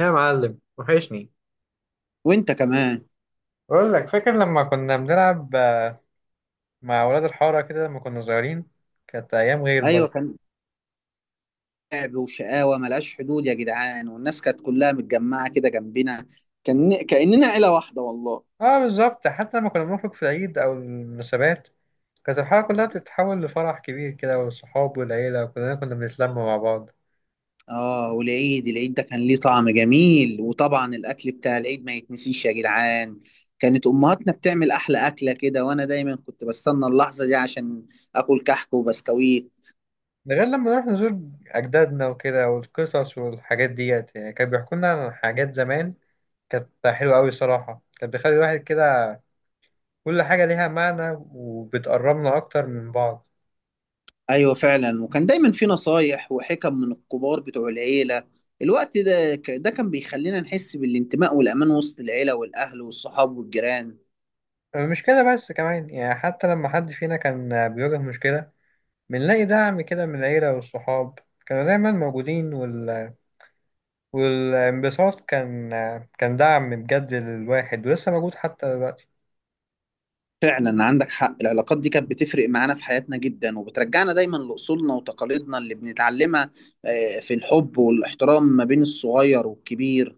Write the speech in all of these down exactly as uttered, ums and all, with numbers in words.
يا معلم، وحشني. وانت كمان. بقول لك، فاكر لما كنا بنلعب آه، مع ولاد الحارة كده لما كنا صغيرين؟ كانت أيام غير ايوه برضه. كان لعب وشقاوه ملهاش حدود يا جدعان، والناس كانت كلها متجمعه كده جنبنا. كان كاننا عيله واحده والله. اه، بالظبط. حتى لما كنا بنخرج في العيد أو المناسبات، كانت الحارة كلها بتتحول لفرح كبير كده، والصحاب والعيلة وكلنا كنا بنتلم مع بعض. اه، والعيد العيد ده كان ليه طعم جميل. وطبعا الاكل بتاع العيد ما يتنسيش يا جدعان. كانت امهاتنا بتعمل احلى اكله كده، وانا دايما كنت بستنى اللحظه دي عشان اكل كحك وبسكويت. ده غير لما نروح نزور أجدادنا وكده، والقصص والحاجات ديت، يعني كانوا بيحكوا لنا عن حاجات زمان كانت حلوة أوي الصراحة. كانت بتخلي الواحد كده كل حاجة ليها معنى، وبتقربنا أكتر من بعض. ايوه فعلا، وكان دايما في نصايح وحكم من الكبار بتوع العيله. الوقت ده ك- ده كان بيخلينا نحس بالانتماء والامان وسط العيله والاهل والصحاب والجيران. مش كده بس، كمان يعني حتى لما حد فينا كان بيواجه مشكلة، بنلاقي دعم كده من العيلة والصحاب. كانوا دايما موجودين، وال... والانبساط كان كان دعم بجد للواحد، ولسه موجود حتى دلوقتي. فعلا عندك حق، العلاقات دي كانت بتفرق معانا في حياتنا جدا، وبترجعنا دايما لاصولنا وتقاليدنا اللي بنتعلمها، آه، في الحب والاحترام ما بين الصغير والكبير.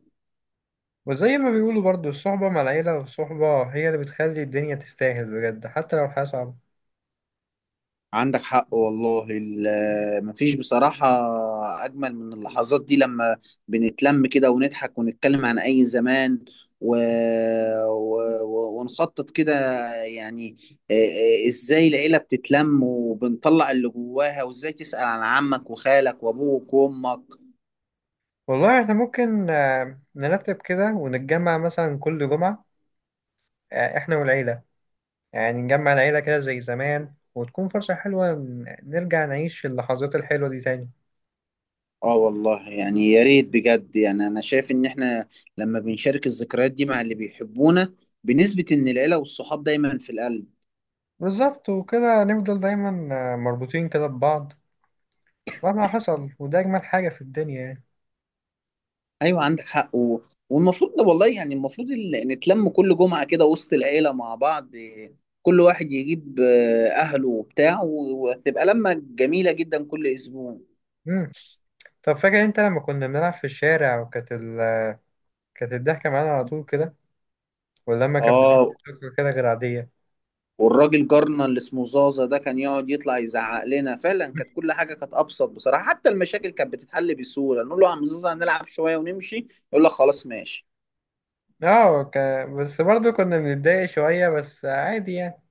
وزي ما بيقولوا برضو، الصحبة مع العيلة، والصحبة هي اللي بتخلي الدنيا تستاهل بجد، حتى لو الحياة صعبة. عندك حق والله، ال- مفيش بصراحة أجمل من اللحظات دي لما بنتلم كده ونضحك ونتكلم عن أي زمان و... و... و... ونخطط كده يعني. آه، آه، إزاي العيلة بتتلم وبنطلع اللي جواها، وإزاي تسأل عن عمك وخالك وأبوك وأمك. والله احنا ممكن آه، نرتب كده ونتجمع مثلا كل جمعة. آه، احنا والعيلة، يعني نجمع العيلة كده زي زمان، وتكون فرصة حلوة ن- نرجع نعيش اللحظات الحلوة دي تاني. آه والله، يعني يا ريت بجد. يعني أنا شايف إن إحنا لما بنشارك الذكريات دي مع اللي بيحبونا، بنثبت إن العيلة والصحاب دايما في القلب. بالظبط. وكده نفضل دايما آه، مربوطين كده ببعض مهما حصل، وده أجمل حاجة في الدنيا يعني. ايوه عندك حق. و... والمفروض ده والله، يعني المفروض ال- نتلم كل جمعه كده وسط العيله مع بعض، إيه، كل واحد يجيب آه، اهله وبتاع، و- وتبقى لمه جميله جدا كل اسبوع. مم. طب فاكر أنت لما كنا بنلعب في الشارع، وكانت ال... كانت الضحكة معانا على طول كده، واللمة كانت بتضحك اه، كده غير عادية؟ والراجل جارنا اللي اسمه زازا ده كان يقعد يطلع يزعق لنا. فعلا كانت كل حاجه كانت ابسط بصراحه، حتى المشاكل كانت بتتحل بسهوله. نقول له يا عم زازا هنلعب شويه ونمشي، يقول لك خلاص ماشي. اه ك... بس برضه كنا بنتضايق شوية، بس عادي يعني.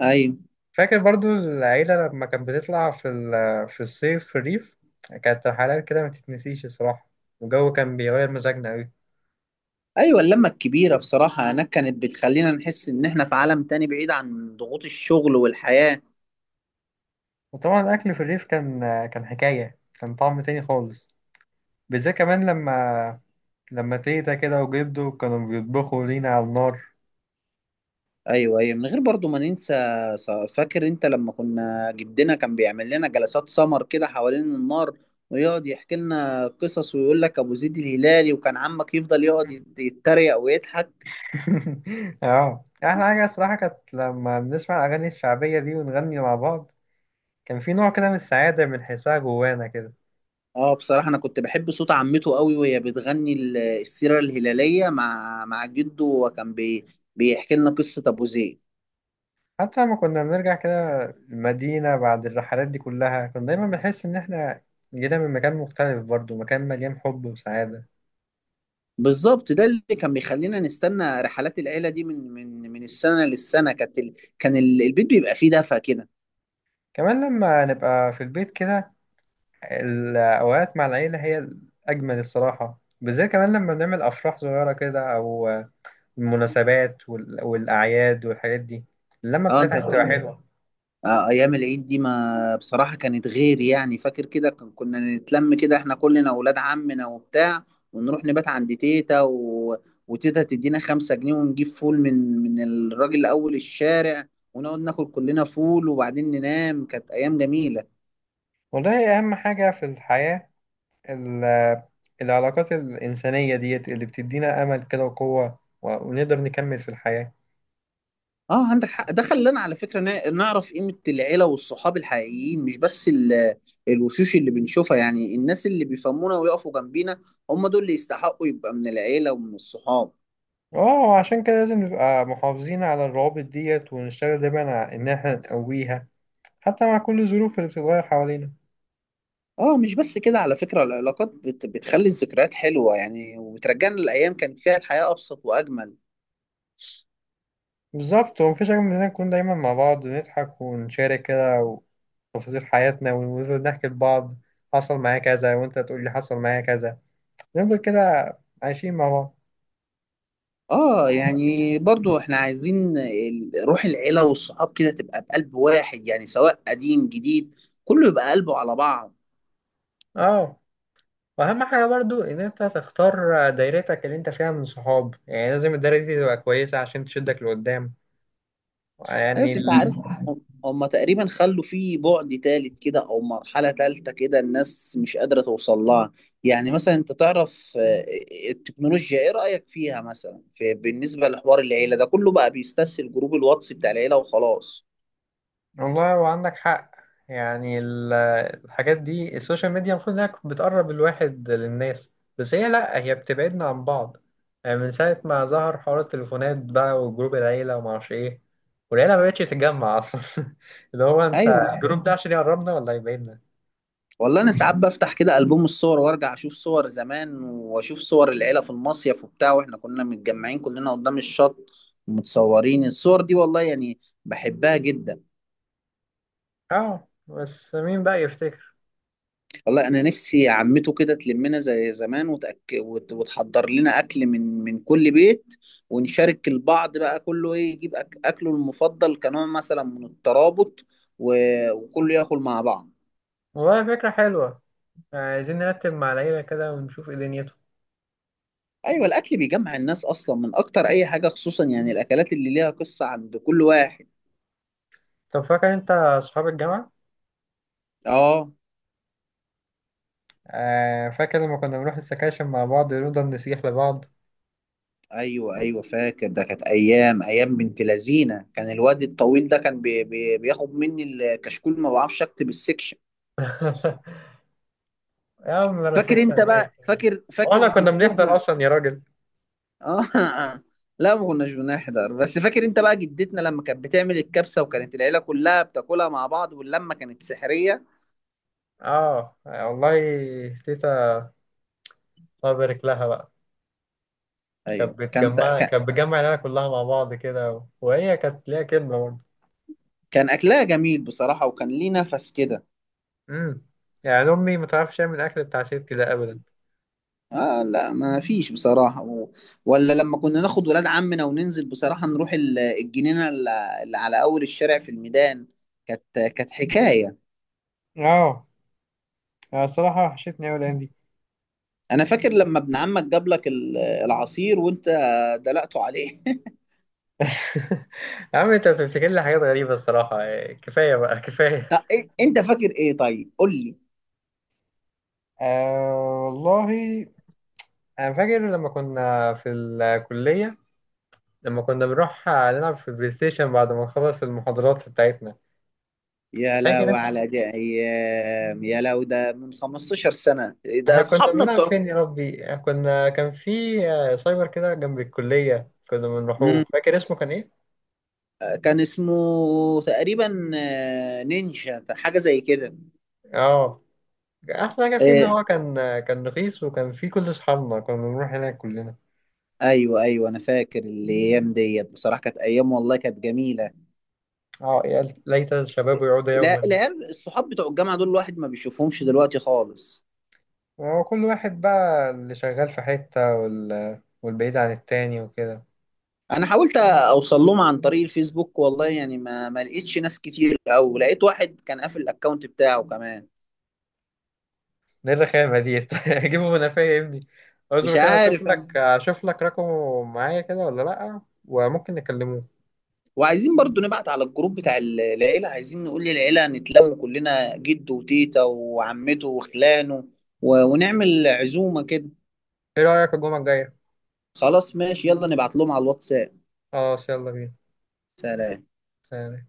ايوه. فاكر برضو العيلة لما كانت بتطلع في ال- في الصيف في الريف؟ كانت رحلات كده ما تتنسيش الصراحة، والجو كان بيغير مزاجنا أوي. ايوه اللمه الكبيره بصراحه هناك كانت بتخلينا نحس ان احنا في عالم تاني بعيد عن ضغوط الشغل والحياه. وطبعا الأكل في الريف كان كان حكاية، كان طعم تاني خالص، بالذات كمان لما لما تيتا كده وجدو كانوا بيطبخوا لينا على النار. ايوه ايوه من غير برضو ما ننسى. ص- فاكر انت لما كنا، جدنا كان بيعمل لنا جلسات سمر كده حوالين النار، ويقعد يحكي لنا قصص ويقول لك ابو زيد الهلالي، وكان عمك يفضل يقعد يت- يتريق ويضحك. اه، أحلى حاجة الصراحة كانت لما بنسمع الأغاني الشعبية دي ونغني مع بعض. كان في نوع كده من السعادة بنحسها جوانا كده. اه بصراحه انا كنت بحب صوت عمته قوي وهي بتغني ال- السيره الهلاليه مع مع جده، وكان بي بيحكي لنا قصه ابو زيد. حتى لما كنا بنرجع كده المدينة بعد الرحلات دي كلها، كنا دايما بنحس إن إحنا جينا من مكان مختلف برضو، مكان مليان حب وسعادة. بالظبط، ده اللي كان بيخلينا نستنى رحلات العيله دي من من من السنه للسنه. كانت ال- كان ال- البيت بيبقى فيه دفى كده. كمان لما نبقى في البيت كده، الأوقات مع العيلة هي الأجمل الصراحة، بالذات كمان لما بنعمل أفراح صغيرة كده، أو المناسبات وال- والأعياد والحاجات دي. اللمة اه انت بتاعتها بتبقى هتقول. حلوة. آه، ايام العيد دي ما بصراحه كانت غير يعني. فاكر كده كن- كنا نتلم كده احنا كلنا اولاد عمنا وبتاع، ونروح نبات عند تيتا، و... وتيتا تدينا خمسة جنيه، ونجيب فول من من الراجل اول الشارع، ونقعد ناكل كلنا فول وبعدين ننام. كانت ايام جميله. والله أهم حاجة في الحياة ال- العلاقات الإنسانية ديت، اللي بتدينا أمل كده وقوة، ونقدر نكمل في الحياة. اه عندك حق، ده خلانا على فكره نا- نعرف قيمه العيله والصحاب الحقيقيين، مش بس ال... الوشوش اللي بنشوفها يعني. الناس اللي بيفهمونا ويقفوا جنبينا، هم دول اللي يستحقوا يبقى من العيله ومن الصحاب. اه، عشان كده لازم نبقى محافظين على الروابط ديت، ونشتغل دايما على ان احنا نقويها، حتى مع كل الظروف اللي بتتغير حوالينا. اه مش بس كده، على فكرة العلاقات بت... بتخلي الذكريات حلوة يعني، وبترجعنا لأيام كانت فيها الحياة أبسط وأجمل. بالظبط. ومفيش حاجة من إننا نكون دايما مع بعض، ونضحك، ونشارك كده تفاصيل حياتنا، ونفضل نحكي لبعض. حصل معايا كذا، وانت تقول لي حصل معايا كذا. نفضل كده عايشين مع بعض. اه يعني برضو احنا عايزين ال- روح العيلة والصحاب كده تبقى بقلب واحد، يعني سواء قديم جديد، كله يبقى قلبه على بعض. اه، واهم حاجة برضو ان انت تختار دايرتك اللي انت فيها من صحاب، يعني لازم الدايرة دي تبقى كويسة عشان تشدك لقدام ايوه يعني. بس انت عارف، هم هم تقريبا خلوا فيه بعد تالت كده، او مرحله تالته كده الناس مش قادره توصل لها. يعني مثلا انت تعرف، آه، التكنولوجيا ايه رايك فيها مثلا، في بالنسبه لحوار العيله ده كله بقى بيستسهل جروب الواتس بتاع العيله وخلاص. والله هو عندك حق، يعني ال- الحاجات دي، السوشيال ميديا، المفروض انها بتقرب الواحد للناس، بس هي لا، هي بتبعدنا عن بعض. يعني من ساعة ما ظهر حوار التليفونات بقى، وجروب العيلة ومعرفش ايه، والعيلة ما بقتش تتجمع اصلا. اللي هو انت، ايوه الجروب ده عشان يقربنا ولا يبعدنا؟ والله، انا ساعات بفتح كده البوم الصور، وارجع اشوف صور زمان، واشوف صور العيله في المصيف وبتاع، واحنا كنا متجمعين كلنا قدام الشط متصورين الصور دي. والله يعني بحبها جدا. اه، بس مين بقى يفتكر؟ والله انا نفسي عمته كده تلمنا زي زمان، وتأك... وت... وتحضر لنا اكل من من كل بيت، ونشارك البعض بقى كله، ايه يجيب أك... اكله المفضل كنوع مثلا من الترابط، و... وكله ياكل مع بعض. والله فكرة حلوة، يعني عايزين نرتب مع العيلة كده ونشوف ايه دنيته. ايوه الاكل بيجمع الناس اصلا من اكتر اي حاجه، خصوصا يعني الاكلات اللي ليها قصه عند كل واحد. طب فاكر انت اصحاب الجامعة؟ اه. آه، فاكر لما كنا بنروح السكاشن مع بعض، نفضل نسيح لبعض؟ ايوه ايوه فاكر، ده كانت ايام، ايام بنت لذينه. كان الواد الطويل ده كان بي... بي... بياخد مني الكشكول، ما بعرفش اكتب السكشن. يا عم، انا فاكر سكشن انت ايه، بقى فاكر فاكر واحنا كنا بنحضر جدتنا. اصلا يا راجل؟ اه لا ما كناش بنحضر، بس فاكر انت بقى جدتنا لما كانت بتعمل الكبسة، وكانت العيلة كلها بتاكلها مع بعض، واللمة كانت سحرية. اه والله، تيتا، الله يبارك لها بقى، كانت ايوه كان تا- بتجمع كان كانت بتجمع العيله كلها مع بعض كده، و... وهي كانت ليها كلمه برضه. كان اكلها جميل بصراحة، وكان ليه نفس كده. امم يعني امي ما تعرفش تعمل الاكل بتاع ستي ده ابدا. اه لا ما فيش بصراحة. و... ولا لما كنا ناخد ولاد عمنا وننزل بصراحة نروح ال- الجنينة اللي اللي على اول الشارع في الميدان. كانت كانت حكاية. اه، أنا الصراحة وحشتني أوي الأيام دي. انا فاكر لما ابن عمك جاب لك ال- العصير وانت دلقته عليه يا عم، انت بتفتكر لي حاجات غريبه الصراحه، يعني كفايه بقى، كفايه. طب إيه- انت فاكر ايه طيب، قول لي. آه والله انا فاكر لما كنا في الكليه، لما كنا بنروح نلعب في البلاي ستيشن بعد ما نخلص المحاضرات بتاعتنا. يا فاكر لو انت على دي ايام، يا لو ده من خمسة عشر سنه ده احنا كنا اصحابنا بنلعب بتوع. فين؟ يا ربي، إحنا كنا، كان في آه، سايبر كده جنب الكلية كنا بنروحوه. مم. فاكر اسمه كان ايه؟ كان اسمه تقريبا، آه، نينجا حاجه زي كده. اه، احسن حاجة فيه ان إيه. هو كان، آه، كان رخيص، وكان فيه كل اصحابنا، كنا بنروح هناك كلنا. ايوه ايوه انا فاكر الايام ديت بصراحه، كانت ايام والله كانت جميله. اه، يا ليت الشباب يعود لا يوما. العيال الصحاب بتوع الجامعه دول الواحد ما بيشوفهمش دلوقتي خالص. وكل واحد بقى اللي شغال في حتة، وال... والبعيد عن التاني وكده. انا حاولت اوصل لهم عن طريق الفيسبوك، والله يعني ما ما لقيتش ناس كتير، او لقيت واحد كان قافل الاكونت بتاعه كمان. ايه الرخامة دي؟ اجيبه من قفايا يا ابني. اصبر مش كده، اشوف عارف انا. لك اشوف لك رقمه معايا كده ولا لأ، وممكن نكلموه. وعايزين برضو نبعت على الجروب بتاع ال- العيلة، عايزين نقول للعيلة نتلم كلنا، جده وتيتا وعمته وخلانه، و... ونعمل عزومة كده. ايه رأيك الجمعة الجاية؟ خلاص ماشي، يلا نبعت لهم على الواتساب. خلاص، يلا بينا. سلام. سلام.